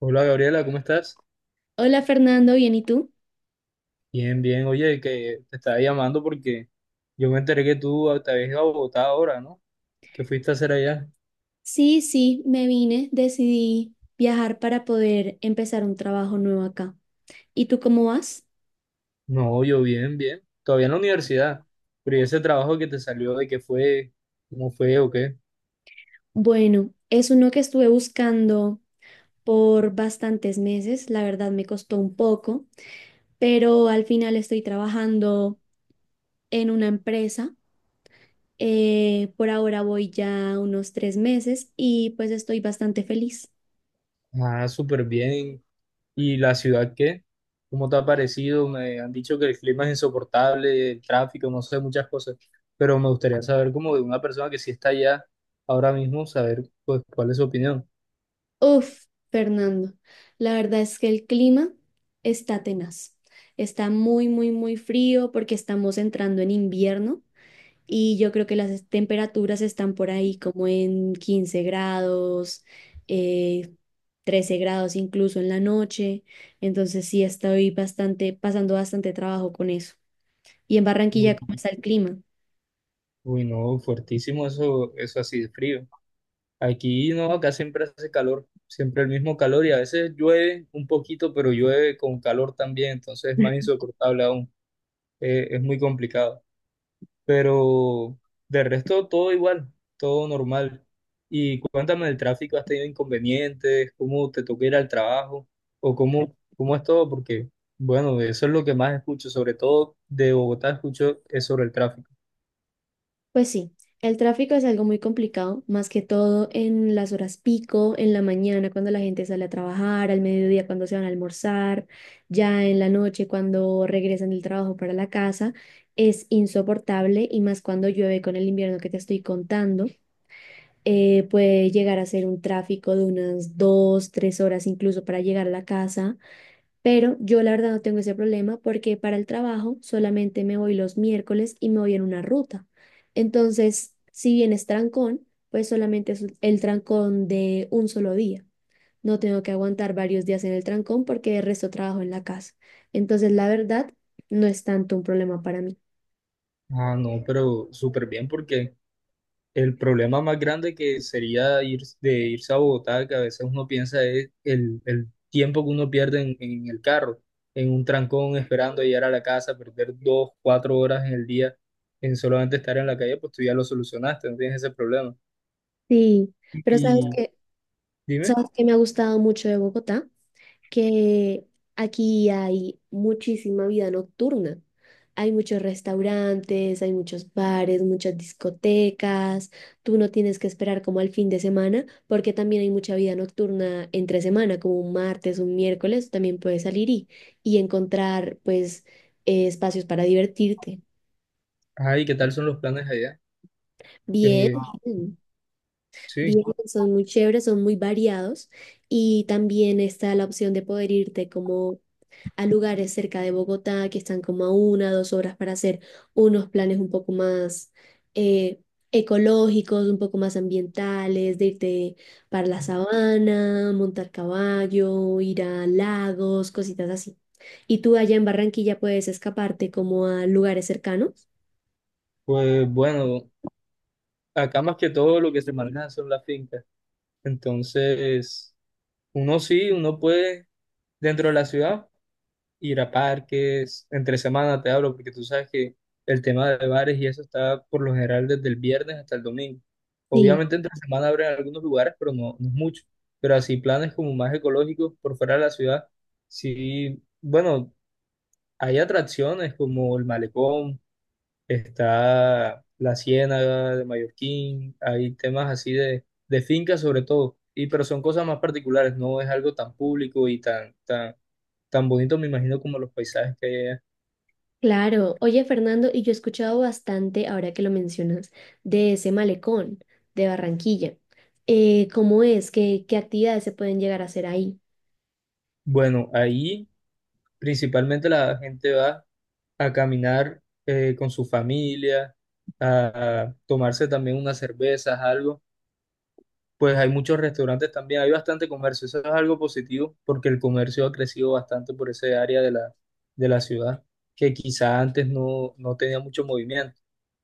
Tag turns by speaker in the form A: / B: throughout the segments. A: Hola Gabriela, ¿cómo estás?
B: Hola Fernando, ¿bien y tú?
A: Bien, bien. Oye, que te estaba llamando porque yo me enteré que tú te habías ido a Bogotá ahora, ¿no? ¿Qué fuiste a hacer allá?
B: Sí, sí, me vine, decidí viajar para poder empezar un trabajo nuevo acá. ¿Y tú cómo vas?
A: No, yo bien, bien. Todavía en la universidad. Pero ¿y ese trabajo que te salió, de qué fue? ¿Cómo fue o qué?
B: Bueno, es uno que estuve buscando por bastantes meses, la verdad me costó un poco, pero al final estoy trabajando en una empresa. Por ahora voy ya unos 3 meses y pues estoy bastante feliz.
A: Ah, súper bien. ¿Y la ciudad qué? ¿Cómo te ha parecido? Me han dicho que el clima es insoportable, el tráfico, no sé, muchas cosas. Pero me gustaría saber como de una persona que sí está allá ahora mismo, saber pues cuál es su opinión.
B: Uf, Fernando, la verdad es que el clima está tenaz. Está muy, muy, muy frío porque estamos entrando en invierno y yo creo que las temperaturas están por ahí como en 15 grados, eh, 13 grados incluso en la noche. Entonces sí estoy pasando bastante trabajo con eso. ¿Y en Barranquilla cómo está el clima?
A: Uy, no, fuertísimo eso, eso así de frío. Aquí no, acá siempre hace calor, siempre el mismo calor y a veces llueve un poquito, pero llueve con calor también, entonces es más insoportable aún. Es muy complicado. Pero de resto todo igual, todo normal. Y cuéntame del tráfico, ¿has tenido inconvenientes? ¿Cómo te toca ir al trabajo? ¿O cómo, cómo es todo? Porque, bueno, eso es lo que más escucho, sobre todo de Bogotá escucho es sobre el tráfico.
B: Pues sí, el tráfico es algo muy complicado, más que todo en las horas pico, en la mañana cuando la gente sale a trabajar, al mediodía cuando se van a almorzar, ya en la noche cuando regresan del trabajo para la casa, es insoportable y más cuando llueve con el invierno que te estoy contando, puede llegar a ser un tráfico de unas dos, tres horas incluso para llegar a la casa. Pero yo la verdad no tengo ese problema porque para el trabajo solamente me voy los miércoles y me voy en una ruta. Entonces, si bien es trancón, pues solamente es el trancón de un solo día. No tengo que aguantar varios días en el trancón porque el resto trabajo en la casa. Entonces, la verdad, no es tanto un problema para mí.
A: Ah, no, pero súper bien porque... el problema más grande que sería ir, de irse a Bogotá, que a veces uno piensa es el tiempo que uno pierde en el carro, en un trancón esperando llegar a la casa, perder dos, cuatro horas en el día en solamente estar en la calle, pues tú ya lo solucionaste, no tienes ese problema.
B: Sí, pero
A: Y dime,
B: ¿Sabes que me ha gustado mucho de Bogotá? Que aquí hay muchísima vida nocturna. Hay muchos restaurantes, hay muchos bares, muchas discotecas. Tú no tienes que esperar como al fin de semana, porque también hay mucha vida nocturna entre semana, como un martes, un miércoles, también puedes salir y, encontrar pues espacios para divertirte.
A: ay, ¿qué tal son los planes allá?
B: Bien,
A: Eh,
B: bien, bien,
A: sí,
B: son muy chéveres, son muy variados y también está la opción de poder irte como a lugares cerca de Bogotá que están como a una, dos horas para hacer unos planes un poco más eh, ecológicos, un poco más ambientales, de irte para la sabana, montar caballo, ir a lagos, cositas así. ¿Y tú allá en Barranquilla puedes escaparte como a lugares cercanos?
A: pues bueno, acá más que todo lo que se maneja son las fincas. Entonces, uno sí, uno puede dentro de la ciudad ir a parques, entre semana te hablo, porque tú sabes que el tema de bares y eso está por lo general desde el viernes hasta el domingo.
B: Sí,
A: Obviamente entre semana abren algunos lugares, pero no, no es mucho. Pero así planes como más ecológicos por fuera de la ciudad, sí, bueno, hay atracciones como el Malecón, está la Ciénaga de Mallorquín, hay temas así de fincas sobre todo. Y, pero son cosas más particulares, no es algo tan público y tan, tan, tan bonito, me imagino, como los paisajes que hay.
B: claro. Oye, Fernando, y yo he escuchado bastante, ahora que lo mencionas, de ese malecón de Barranquilla. ¿Cómo es? ¿Qué, qué actividades se pueden llegar a hacer ahí?
A: Bueno, ahí principalmente la gente va a caminar con su familia, a tomarse también unas cervezas, algo. Pues hay muchos restaurantes también, hay bastante comercio. Eso es algo positivo porque el comercio ha crecido bastante por ese área de la ciudad que quizá antes no, no tenía mucho movimiento.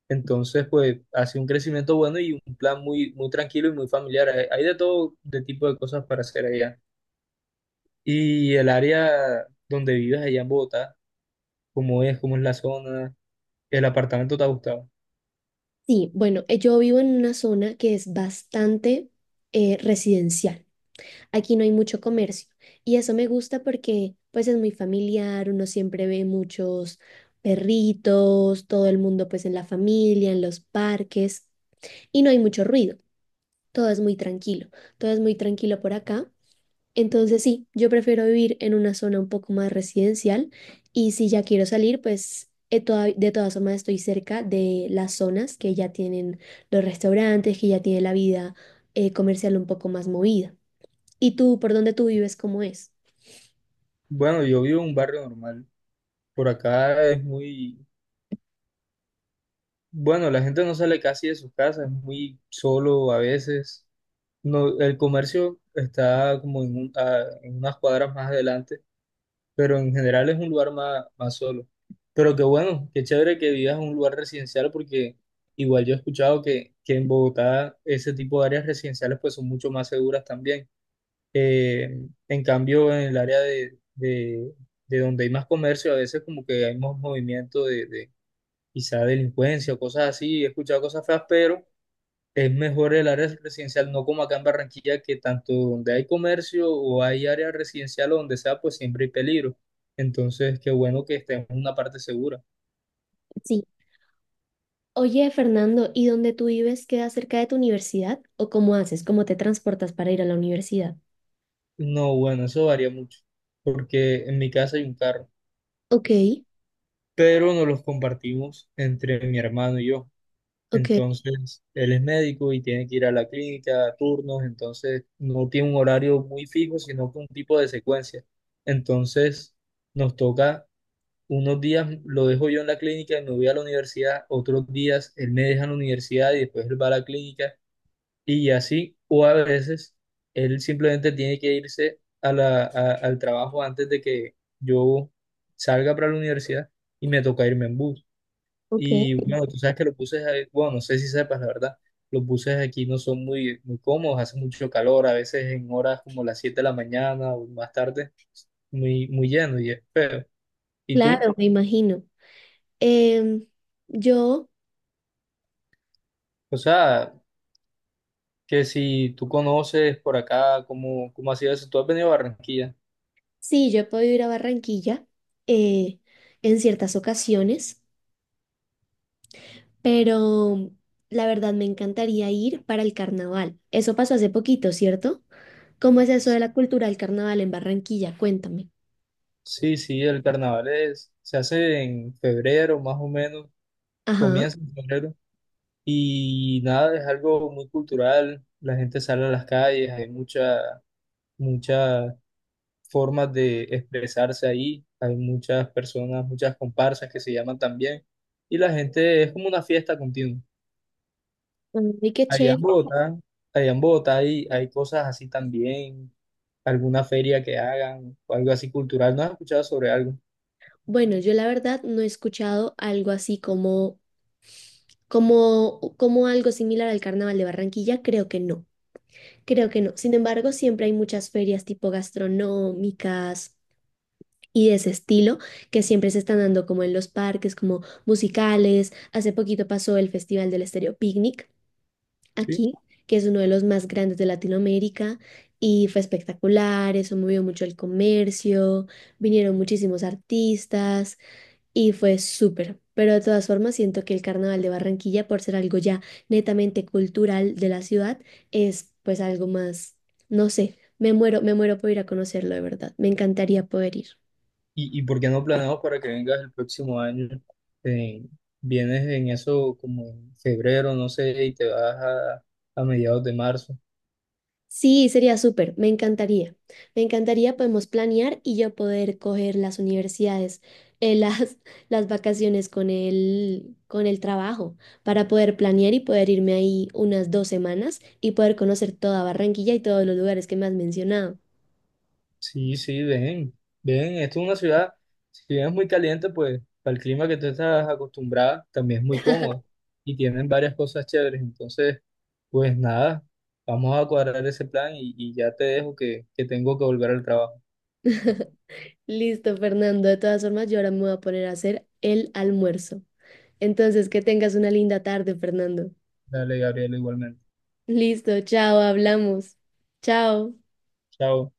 A: Entonces, pues ha sido un crecimiento bueno y un plan muy, muy tranquilo y muy familiar. Hay de todo de tipo de cosas para hacer allá. Y el área donde vives allá en Bogotá, cómo es la zona. ¿El apartamento te ha gustado?
B: Sí, bueno, yo vivo en una zona que es bastante residencial. Aquí no hay mucho comercio y eso me gusta porque pues es muy familiar, uno siempre ve muchos perritos, todo el mundo pues en la familia, en los parques y no hay mucho ruido. Todo es muy tranquilo, todo es muy tranquilo por acá. Entonces sí, yo prefiero vivir en una zona un poco más residencial y si ya quiero salir, pues de todas formas estoy cerca de las zonas que ya tienen los restaurantes, que ya tiene la vida comercial un poco más movida. ¿Y tú, por dónde tú vives, cómo es?
A: Bueno, yo vivo en un barrio normal. Por acá es muy... bueno, la gente no sale casi de sus casas, es muy solo a veces. No, el comercio está como en, en unas cuadras más adelante, pero en general es un lugar más, más solo. Pero qué bueno, qué chévere que vivas en un lugar residencial porque igual yo he escuchado que en Bogotá ese tipo de áreas residenciales pues son mucho más seguras también. En cambio, en el área de donde hay más comercio, a veces como que hay más movimiento de quizá delincuencia o cosas así. He escuchado cosas feas, pero es mejor el área residencial, no como acá en Barranquilla, que tanto donde hay comercio o hay área residencial o donde sea, pues siempre hay peligro. Entonces, qué bueno que estemos en una parte segura.
B: Sí. Oye, Fernando, ¿y dónde tú vives queda cerca de tu universidad? ¿O cómo haces? ¿Cómo te transportas para ir a la universidad?
A: No, bueno, eso varía mucho, porque en mi casa hay un carro,
B: Ok,
A: pero nos los compartimos entre mi hermano y yo.
B: ok,
A: Entonces, él es médico y tiene que ir a la clínica, a turnos, entonces no tiene un horario muy fijo, sino que un tipo de secuencia. Entonces, nos toca, unos días lo dejo yo en la clínica y me voy a la universidad, otros días él me deja en la universidad y después él va a la clínica y así, o a veces él simplemente tiene que irse a la, al trabajo antes de que yo salga para la universidad y me toca irme en bus. Y
B: ok.
A: bueno, tú sabes que los buses, bueno, no sé si sepas, la verdad, los buses aquí no son muy, muy cómodos, hace mucho calor, a veces en horas como las 7 de la mañana o más tarde, muy, muy lleno y es feo. ¿Y tú?
B: Claro, me imagino. Em, yo...
A: O sea, que si tú conoces por acá, ¿cómo, cómo ha sido eso? ¿Tú has venido a Barranquilla?
B: Sí, yo he podido ir a Barranquilla eh, en ciertas ocasiones, pero la verdad me encantaría ir para el carnaval. Eso pasó hace poquito, ¿cierto? ¿Cómo es eso de la cultura del carnaval en Barranquilla? Cuéntame.
A: Sí, sí, el carnaval es, se hace en febrero más o menos,
B: Ajá.
A: comienza en febrero y nada, es algo muy cultural, la gente sale a las calles, hay mucha, mucha formas de expresarse ahí. Hay muchas personas, muchas comparsas que se llaman también. Y la gente es como una fiesta continua.
B: Ay, qué
A: Allá en
B: chévere.
A: Bogotá, allá en Bogotá hay, hay cosas así también, alguna feria que hagan o algo así cultural. ¿No has escuchado sobre algo?
B: Bueno, yo la verdad no he escuchado algo así como, algo similar al carnaval de Barranquilla. Creo que no. Creo que no. Sin embargo, siempre hay muchas ferias tipo gastronómicas y de ese estilo que siempre se están dando como en los parques, como musicales. Hace poquito pasó el Festival del Estéreo Picnic
A: Sí.
B: aquí, que es uno de los más grandes de Latinoamérica y fue espectacular, eso movió mucho el comercio, vinieron muchísimos artistas y fue súper. Pero de todas formas siento que el Carnaval de Barranquilla, por ser algo ya netamente cultural de la ciudad, es pues algo más, no sé, me muero por ir a conocerlo de verdad. Me encantaría poder ir.
A: Y por qué no planeamos para que vengas el próximo año? Eh, Vienes en eso como en febrero, no sé, y te vas a mediados de marzo.
B: Sí, sería súper, me encantaría. Me encantaría, podemos planear y yo poder coger las universidades, las, las vacaciones con el, trabajo, para poder planear y poder irme ahí unas 2 semanas y poder conocer toda Barranquilla y todos los lugares que me has mencionado.
A: Sí, sí, ven, ven, esto es una ciudad, si bien es muy caliente, pues para el clima que tú estás acostumbrada, también es muy cómodo y tienen varias cosas chéveres. Entonces, pues nada, vamos a cuadrar ese plan y ya te dejo que tengo que volver al trabajo.
B: Listo, Fernando. De todas formas, yo ahora me voy a poner a hacer el almuerzo. Entonces, que tengas una linda tarde, Fernando.
A: Dale, Gabriela, igualmente.
B: Listo, chao, hablamos. Chao.
A: Chao.